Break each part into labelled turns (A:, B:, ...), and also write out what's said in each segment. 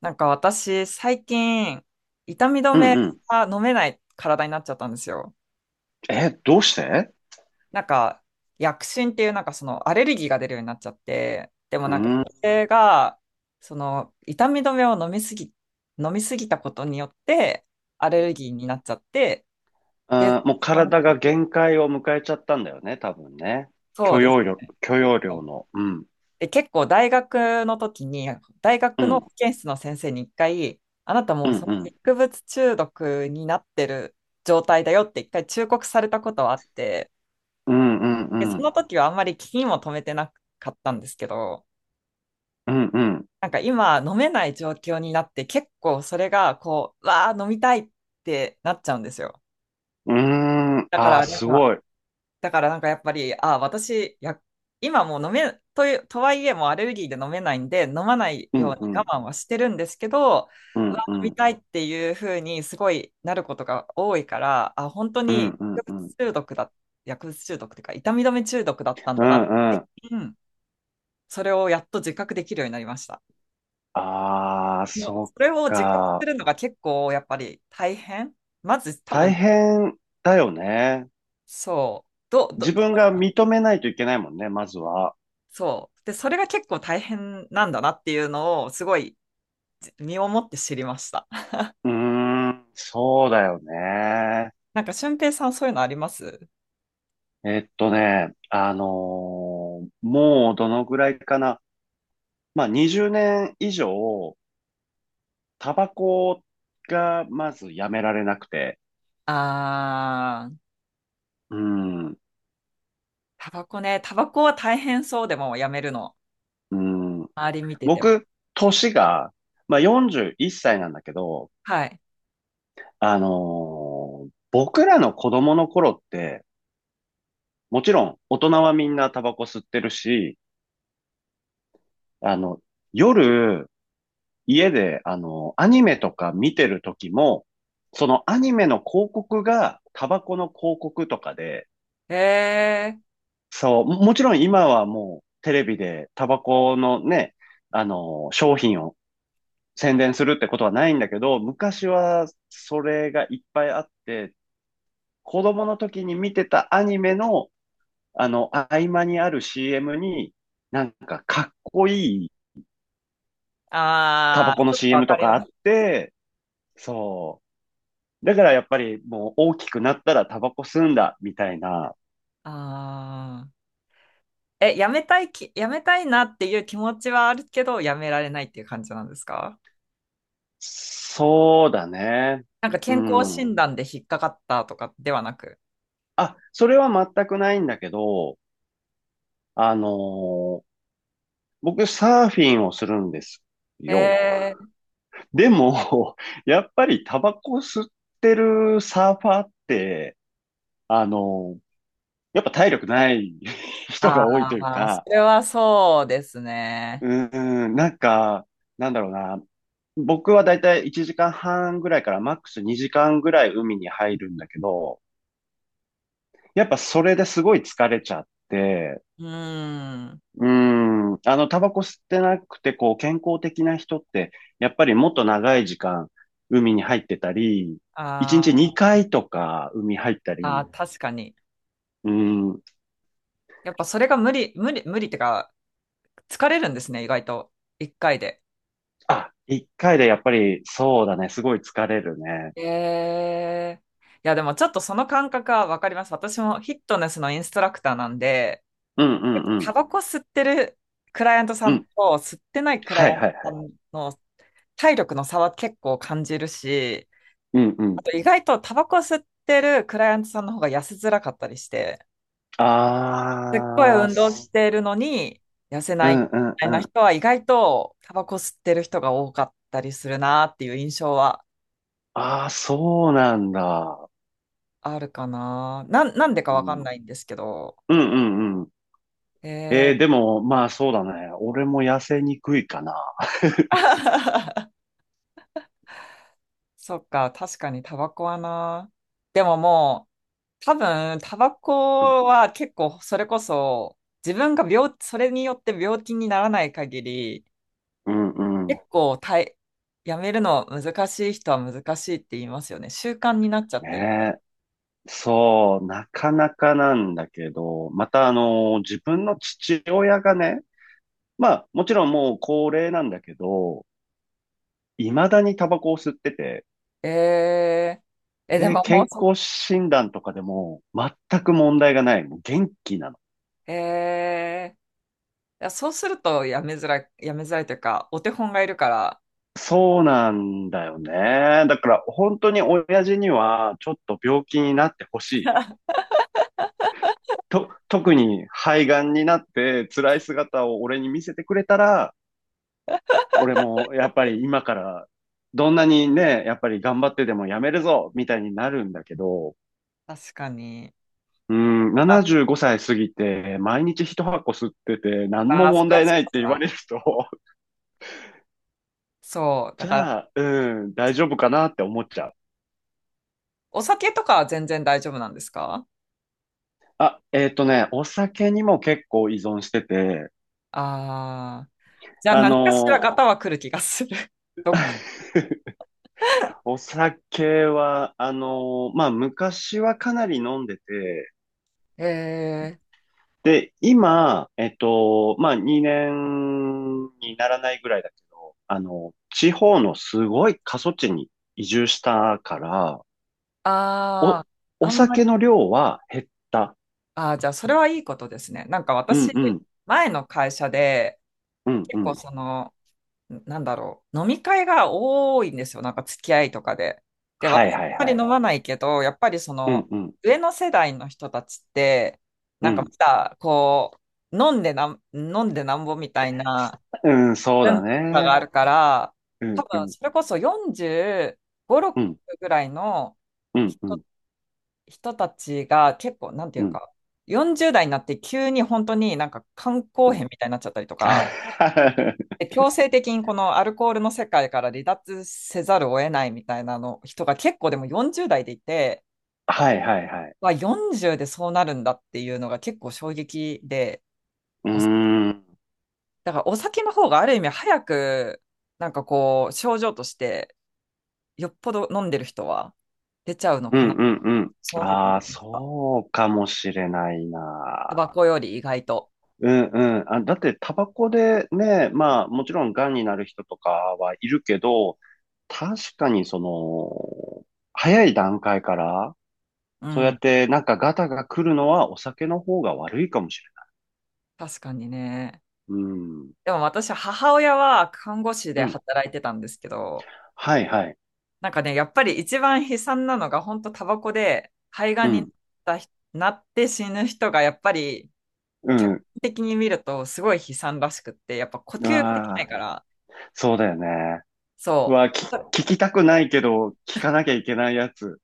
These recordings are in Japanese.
A: なんか私、最近、痛み止
B: うん
A: め
B: うん。
A: が飲めない体になっちゃったんですよ。
B: え、どうして？
A: なんか、薬疹っていうなんかそのアレルギーが出るようになっちゃって、でも
B: う
A: なんか
B: ー
A: そ
B: ん。
A: れが、その痛み止めを飲みすぎたことによって、アレルギーになっちゃって、で、
B: あー、もう
A: その
B: 体が限界を迎えちゃったんだよね、多分ね。
A: そう
B: 許
A: です
B: 容量、
A: ね。
B: 許容量の。うん。
A: で、結構大学の時に、大
B: う
A: 学の
B: ん。
A: 保健室の先生に一回、あなたも
B: う
A: う
B: ん。
A: その
B: うん。
A: 薬物中毒になってる状態だよって一回忠告されたことはあって、
B: うん。
A: で、
B: う
A: そ
B: ん。
A: の時はあんまり気にも留めてなかったんですけど、
B: うん。うん。
A: なんか今飲めない状況になって結構それがこう、わあ飲みたいってなっちゃうんですよ。
B: うん。うーん。
A: だか
B: ああ、
A: らなん
B: す
A: か
B: ごい。
A: だからなんかやっぱり、ああ、私、や、今もう飲め、という、とはいえもうアレルギーで飲めないんで、飲まない
B: う
A: よ
B: ん。
A: うに
B: う
A: 我
B: ん。
A: 慢はしてるんですけど、
B: う
A: う
B: ん。
A: わ、
B: う
A: 飲み
B: ん。
A: たいっていうふうにすごいなることが多いから、あ、本当
B: うん。
A: に
B: うん。
A: 薬
B: うん。
A: 物中毒だ、薬物中毒っていうか、痛み止め中毒だったん
B: う
A: だな、
B: んうん。
A: うん、それをやっと自覚できるようになりました。
B: ああ、
A: もう
B: そ
A: それ
B: っ
A: を自覚す
B: か。
A: るのが結構やっぱり大変。まず多
B: 大
A: 分、
B: 変だよね。
A: そう、
B: 自分が認めないといけないもんね、まずは。
A: そう。で、それが結構大変なんだなっていうのを、すごい身をもって知りました。
B: うーん。そうだよね。
A: なんか、俊平さん、そういうのあります？
B: えっとね、あのーもうどのぐらいかな。まあ、20年以上、タバコがまずやめられなくて。
A: あー、
B: うん、
A: タバコね。タバコは大変そうでもやめるの。
B: うん。
A: 周り見てても。
B: 僕、年が、まあ、41歳なんだけど、
A: はい。
B: あの僕らの子供の頃って、もちろん大人はみんなタバコ吸ってるし、あの、夜、家で、アニメとか見てる時も、そのアニメの広告がタバコの広告とかで、
A: えー、
B: そう、もちろん今はもうテレビでタバコのね、商品を宣伝するってことはないんだけど、昔はそれがいっぱいあって、子供の時に見てたアニメの、合間にある CM に、なんかかっこいいタ
A: あ
B: バコ
A: ー、
B: の
A: ちょっとわ
B: CM
A: か
B: と
A: り
B: かあ
A: ま
B: っ
A: す。
B: て、そう、だからやっぱりもう大きくなったらタバコ吸うんだ、みたいな。
A: あー。え、やめたいなっていう気持ちはあるけど、やめられないっていう感じなんですか？
B: そうだね。
A: なんか
B: う
A: 健康
B: ん。
A: 診断で引っかかったとかではなく。
B: あ、それは全くないんだけど、あのー僕サーフィンをするんですよ。
A: え。
B: でも、やっぱりタバコ吸ってるサーファーって、あのーやっぱ体力ない 人が多いという
A: ああ、そ
B: か、
A: れはそうです
B: う
A: ね。
B: なんか、なんだろうな、僕はだいたい1時間半ぐらいからマックス2時間ぐらい海に入るんだけど、やっぱそれですごい疲れちゃって、
A: うん。
B: うータバコ吸ってなくて、こう、健康的な人って、やっぱりもっと長い時間海に入ってたり、
A: あ
B: 1日
A: ー。
B: 2回とか海入った
A: あ
B: り、
A: ー、確かに。
B: うーん、
A: やっぱそれが無理、無理、無理ってか、疲れるんですね、意外と。一回で。
B: あ、1回でやっぱりそうだね、すごい疲れるね。
A: ええ。いや、でもちょっとその感覚はわかります。私もフィットネスのインストラクターなんで、
B: うんうんう
A: タ
B: ん。
A: バコ吸ってるクライアントさ
B: う
A: んと
B: ん。
A: 吸ってないクライ
B: は
A: ア
B: い
A: ント
B: はい
A: さ
B: はい。
A: んの体力の差は結構感じるし、
B: うんう
A: あ
B: ん。
A: と意外とタバコ吸ってるクライアントさんの方が痩せづらかったりして、すっごい
B: あー、
A: 運動しているのに痩せ
B: う
A: ないみ
B: んうん
A: たい
B: う
A: な
B: ん。
A: 人は意外とタバコ吸ってる人が多かったりするなっていう印象は
B: ああ、そうなんだ。
A: あるかな。なんでか
B: う
A: わ
B: ん。
A: かん
B: うん
A: ないんですけど。
B: うんうん。でも、まあそうだね。俺も痩せにくいかな。
A: そっか、確かにタバコはな。でももう、多分タバ
B: うん
A: コは結構それこそ自分が病、それによって病気にならない限り、
B: うんうん。
A: 結構たい、やめるの難しい人は難しいって言いますよね。習慣になっちゃってる。
B: ねえ。そう、なかなかなんだけど、また自分の父親がね、まあもちろんもう高齢なんだけど、未だにタバコを吸ってて、
A: え。ええ、で
B: で、
A: ももう
B: 健康診断とかでも全く問題がない。もう元気なの。
A: ええ。いや、そうするとやめづらい、やめづらいというか、お手本がいるから、
B: そうなんだよね。だから本当に親父にはちょっと病気になってほしい。特に肺がんになって辛い姿を俺に見せてくれたら、俺もやっぱり今からどんなにね、やっぱり頑張ってでもやめるぞみたいになるんだけど、
A: 確かに。
B: うん、
A: あ、
B: 75歳過ぎて毎日一箱吸ってて何も
A: あ、そ
B: 問
A: れは
B: 題
A: そ
B: ないっ
A: う
B: て言わ
A: か。
B: れると、
A: そう。だ
B: じ
A: から、
B: ゃあ、うん、大丈夫かなって思っちゃう。
A: お酒とかは全然大丈夫なんですか？
B: あ、お酒にも結構依存してて、
A: ああー。じゃあ
B: あ
A: 何かしら
B: の、
A: ガタは来る気がする。どっか。
B: お酒は、まあ、昔はかなり飲んでて、
A: ええ。
B: で、今、まあ、2年にならないぐらいだけど、地方のすごい過疎地に移住したから、
A: あ
B: お、
A: あ、
B: お
A: あんまり。
B: 酒の量は減った。
A: ああ、じゃあそれはいいことですね。なんか
B: う
A: 私、
B: んうん、
A: 前の会社で、
B: うん
A: 結
B: う
A: 構
B: ん。
A: その、なんだろう、飲み会が多いんですよ、なんか付き合いとかで。で、
B: は
A: 私、
B: い
A: あん
B: はい
A: まり
B: はい。
A: 飲まないけど、やっぱりそ
B: うん
A: の、
B: うん、
A: 上の世代の人たちって、
B: う
A: なんかま
B: ん。
A: だ、こう、飲んでなんぼみたいな
B: うん、そうだ
A: 文化が
B: ね。
A: あるから、
B: う
A: 多
B: ん
A: 分、
B: うん、
A: それこそ45、6
B: うん、
A: ぐらいの
B: うんう
A: 人、
B: ん、
A: 人たちが結構、なんてい
B: う
A: う
B: ん
A: か、40代になって急に本当になんか肝
B: う
A: 硬変
B: ん。
A: みたいになっちゃったりと か、
B: は
A: で強制的にこのアルコールの世界から離脱せざるを得ないみたいなの人が結構でも40代でいて、
B: いはいはい。
A: わ40でそうなるんだっていうのが結構衝撃で、
B: うーん、
A: お酒
B: うん、
A: だからお酒の方がある意味早くなんかこう症状としてよっぽど飲んでる人は出ちゃうの
B: う
A: かな。
B: ん、うん。
A: その時に
B: ああ、
A: 思てきた。
B: そうかもしれない
A: タ
B: な。
A: バコより意外と。
B: うん、うん。あ、だって、タバコでね、まあ、もちろん、癌になる人とかはいるけど、確かに、早い段階から、
A: う
B: そうやっ
A: ん。
B: て、なんか、ガタが来るのは、お酒の方が悪いかもし
A: 確かにね。
B: れない。うん、
A: でも私、母親は看護師
B: う
A: で
B: ん。
A: 働いてたんですけど、
B: はい、はい。
A: なんかね、やっぱり一番悲惨なのが、本当タバコで肺が
B: う
A: んになっ
B: ん、
A: た人なって死ぬ人が、やっぱり
B: う
A: 客観
B: ん。
A: 的に見るとすごい悲惨らしくって、やっぱ呼
B: う
A: 吸ができ
B: わ
A: ない
B: あ、
A: から、
B: そうだよね。う
A: そ
B: わあ、
A: う。
B: 聞きたくないけど、聞かなきゃいけないやつ。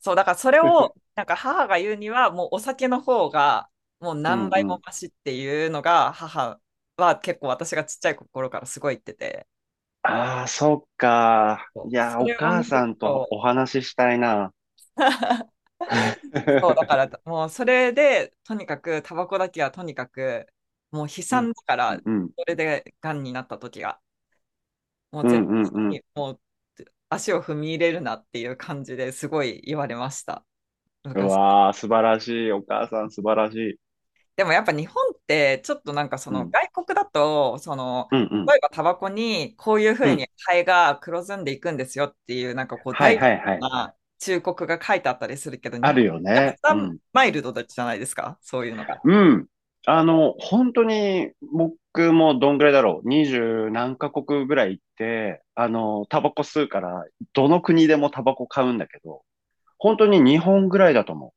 A: そう、だからそれ を、なんか母が言うには、もうお酒の方が、もう
B: う
A: 何
B: ん、う
A: 倍も
B: ん。
A: マシっていうのが、母は結構私がちっちゃい頃からすごい言ってて、
B: ああ、そっか。い
A: そう
B: や、
A: そ
B: お
A: れを
B: 母
A: 見
B: さ
A: る
B: んと
A: と、
B: お話ししたいな。
A: そう、だか ら、もうそれで、とにかく、タバコだけはとにかく、もう悲
B: う
A: 惨だ
B: ん、
A: か
B: う
A: ら、
B: ん、うん、
A: それで癌になった時が、もう
B: う
A: 絶
B: ん、うん。う
A: 対
B: ん
A: に、もう足を踏み入れるなっていう感じですごい言われました、昔。
B: わあ、素晴らしい。お母さん素晴らしい。
A: でもやっぱ日本って、ちょっとなんかそ
B: う
A: の
B: ん、
A: 外国だと、その、
B: うん、うん、
A: 例えばタバコにこういうふ
B: う
A: うに
B: ん。
A: 肺が黒ずんでいくんですよっていう、なんかこう、
B: はい、
A: 大事
B: はい、はい。
A: な忠告が書いてあったりするけど、
B: あ
A: 日本
B: るよ
A: めちゃくち
B: ね。う
A: ゃ
B: ん。
A: マイルドじゃないですか、そういうのが。
B: うん。本当に、僕もどんぐらいだろう。二十何カ国ぐらい行って、タバコ吸うから、どの国でもタバコ買うんだけど、本当に日本ぐらいだと思う。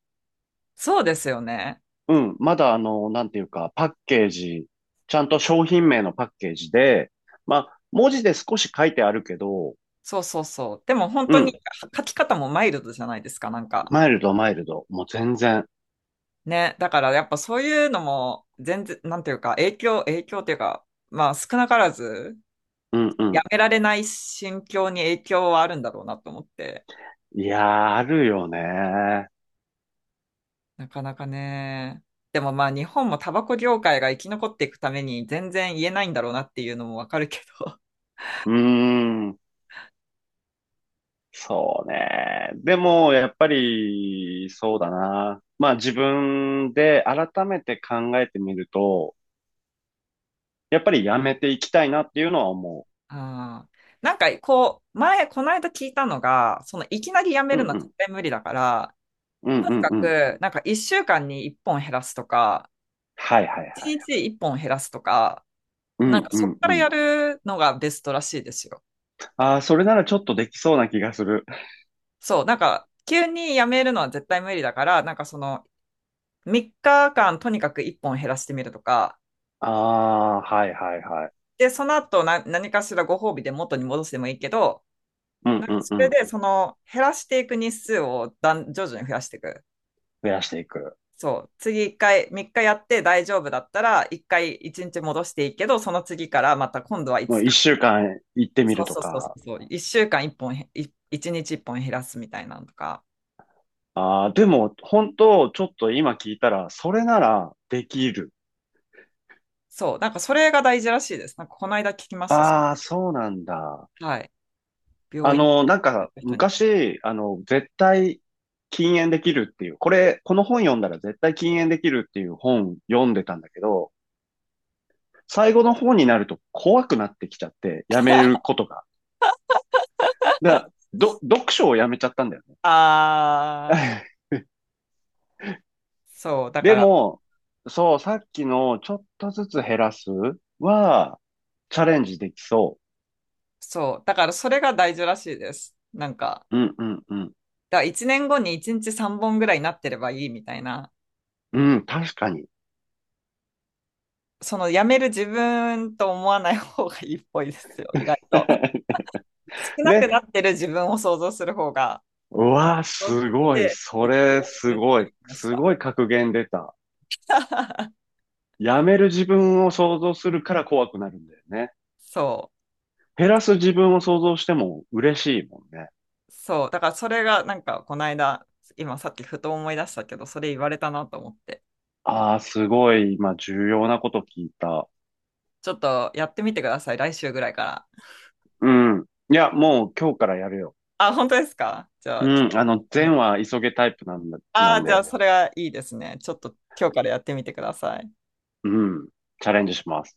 A: そうですよね。
B: うん、まだなんていうか、パッケージ、ちゃんと商品名のパッケージで、まあ、文字で少し書いてあるけど、
A: そうそうそう。でも本
B: う
A: 当に
B: ん、
A: 書き方もマイルドじゃないですか、なんか。
B: マイルド、マイルド、もう全然、
A: ね。だからやっぱそういうのも全然、なんていうか、影響っていうか、まあ少なからず、
B: うんう
A: や
B: ん。
A: められない心境に影響はあるんだろうなと思って。
B: いやー、あるよね。
A: なかなかね。でもまあ日本もタバコ業界が生き残っていくために全然言えないんだろうなっていうのもわかるけど。
B: うーん、そうね。でも、やっぱり、そうだな。まあ、自分で改めて考えてみると、やっぱりやめていきたいなっていうのは思
A: ああ。なんかこう、前、この間聞いたのが、そのいきなりやめ
B: う。うん
A: るのは
B: う
A: 絶
B: ん、
A: 対無理だから、
B: うん
A: と
B: う
A: に
B: ん
A: か
B: うん。
A: く、なんか1週間に1本減らすとか、
B: はいはい
A: 1
B: はい。
A: 日1本減らすとか、
B: う
A: なんか
B: んう
A: そこ
B: ん
A: か
B: う
A: らや
B: ん。
A: るのがベストらしいですよ。
B: ああ、それならちょっとできそうな気がする。
A: そう、なんか急にやめるのは絶対無理だから、なんかその3日間とにかく1本減らしてみるとか、
B: ああ、はいはいはい。
A: で、その後何かしらご褒美で元に戻してもいいけど、
B: うん
A: なん
B: う
A: か
B: ん
A: そ
B: う
A: れ
B: ん。
A: でその減らしていく日数を徐々に増やしていく。
B: 増やしていく。
A: そう。次一回、3日やって大丈夫だったら、一回一日戻していいけど、その次からまた今度は
B: も
A: 5
B: う
A: 日
B: 一週間行ってみ
A: そ
B: る
A: う
B: と
A: そうそうそ
B: か。
A: うそう。1週間1本1日1本減らすみたいなのとか。
B: ああ、でも、本当ちょっと今聞いたら、それならできる。
A: そう。なんかそれが大事らしいです。なんかこの間聞きまし
B: ああ、そうなんだ。
A: た。はい。病院に
B: なん
A: 行
B: か、
A: った人に。
B: 昔、絶対禁煙できるっていう、この本読んだら絶対禁煙できるっていう本読んでたんだけど、最後の方になると怖くなってきちゃって、やめることが。だ読書をやめちゃったんだよね。
A: あー、そう。だか
B: で
A: ら、
B: も、そう、さっきのちょっとずつ減らすは、チャレンジできそ
A: それが大事らしいです。なんか、
B: う。うんうんうん。
A: だから1年後に1日3本ぐらいになってればいいみたいな。
B: うん、確かに。
A: そのやめる自分と思わない方がいいっぽいですよ。意外と。少 なく
B: ね。
A: なってる自分を想像する方が、
B: うわー
A: そうし
B: すごい。
A: て、
B: そ
A: 結
B: れ、
A: 婚す
B: す
A: るって
B: ご
A: 言
B: い。
A: いまし
B: す
A: た。
B: ごい格言出た。やめる自分を想像するから怖くなるんだよね。
A: そ
B: 減らす自分を想像しても嬉しいもんね。
A: う、そう。だからそれがなんかこの間、今さっきふと思い出したけど、それ言われたなと思って。
B: ああ、すごい。今、重要なこと聞いた。
A: ちょっとやってみてください、来週ぐらいから。
B: うん。いや、もう今日からやるよ。
A: あ、本当ですか？じゃあ、今
B: うん。善
A: 日
B: は急げタイプなんだ、
A: あ
B: な
A: あ
B: ん
A: ー、じゃあ
B: で。
A: それはいいですね。ちょっと今日からやってみてください。
B: うん。チャレンジします。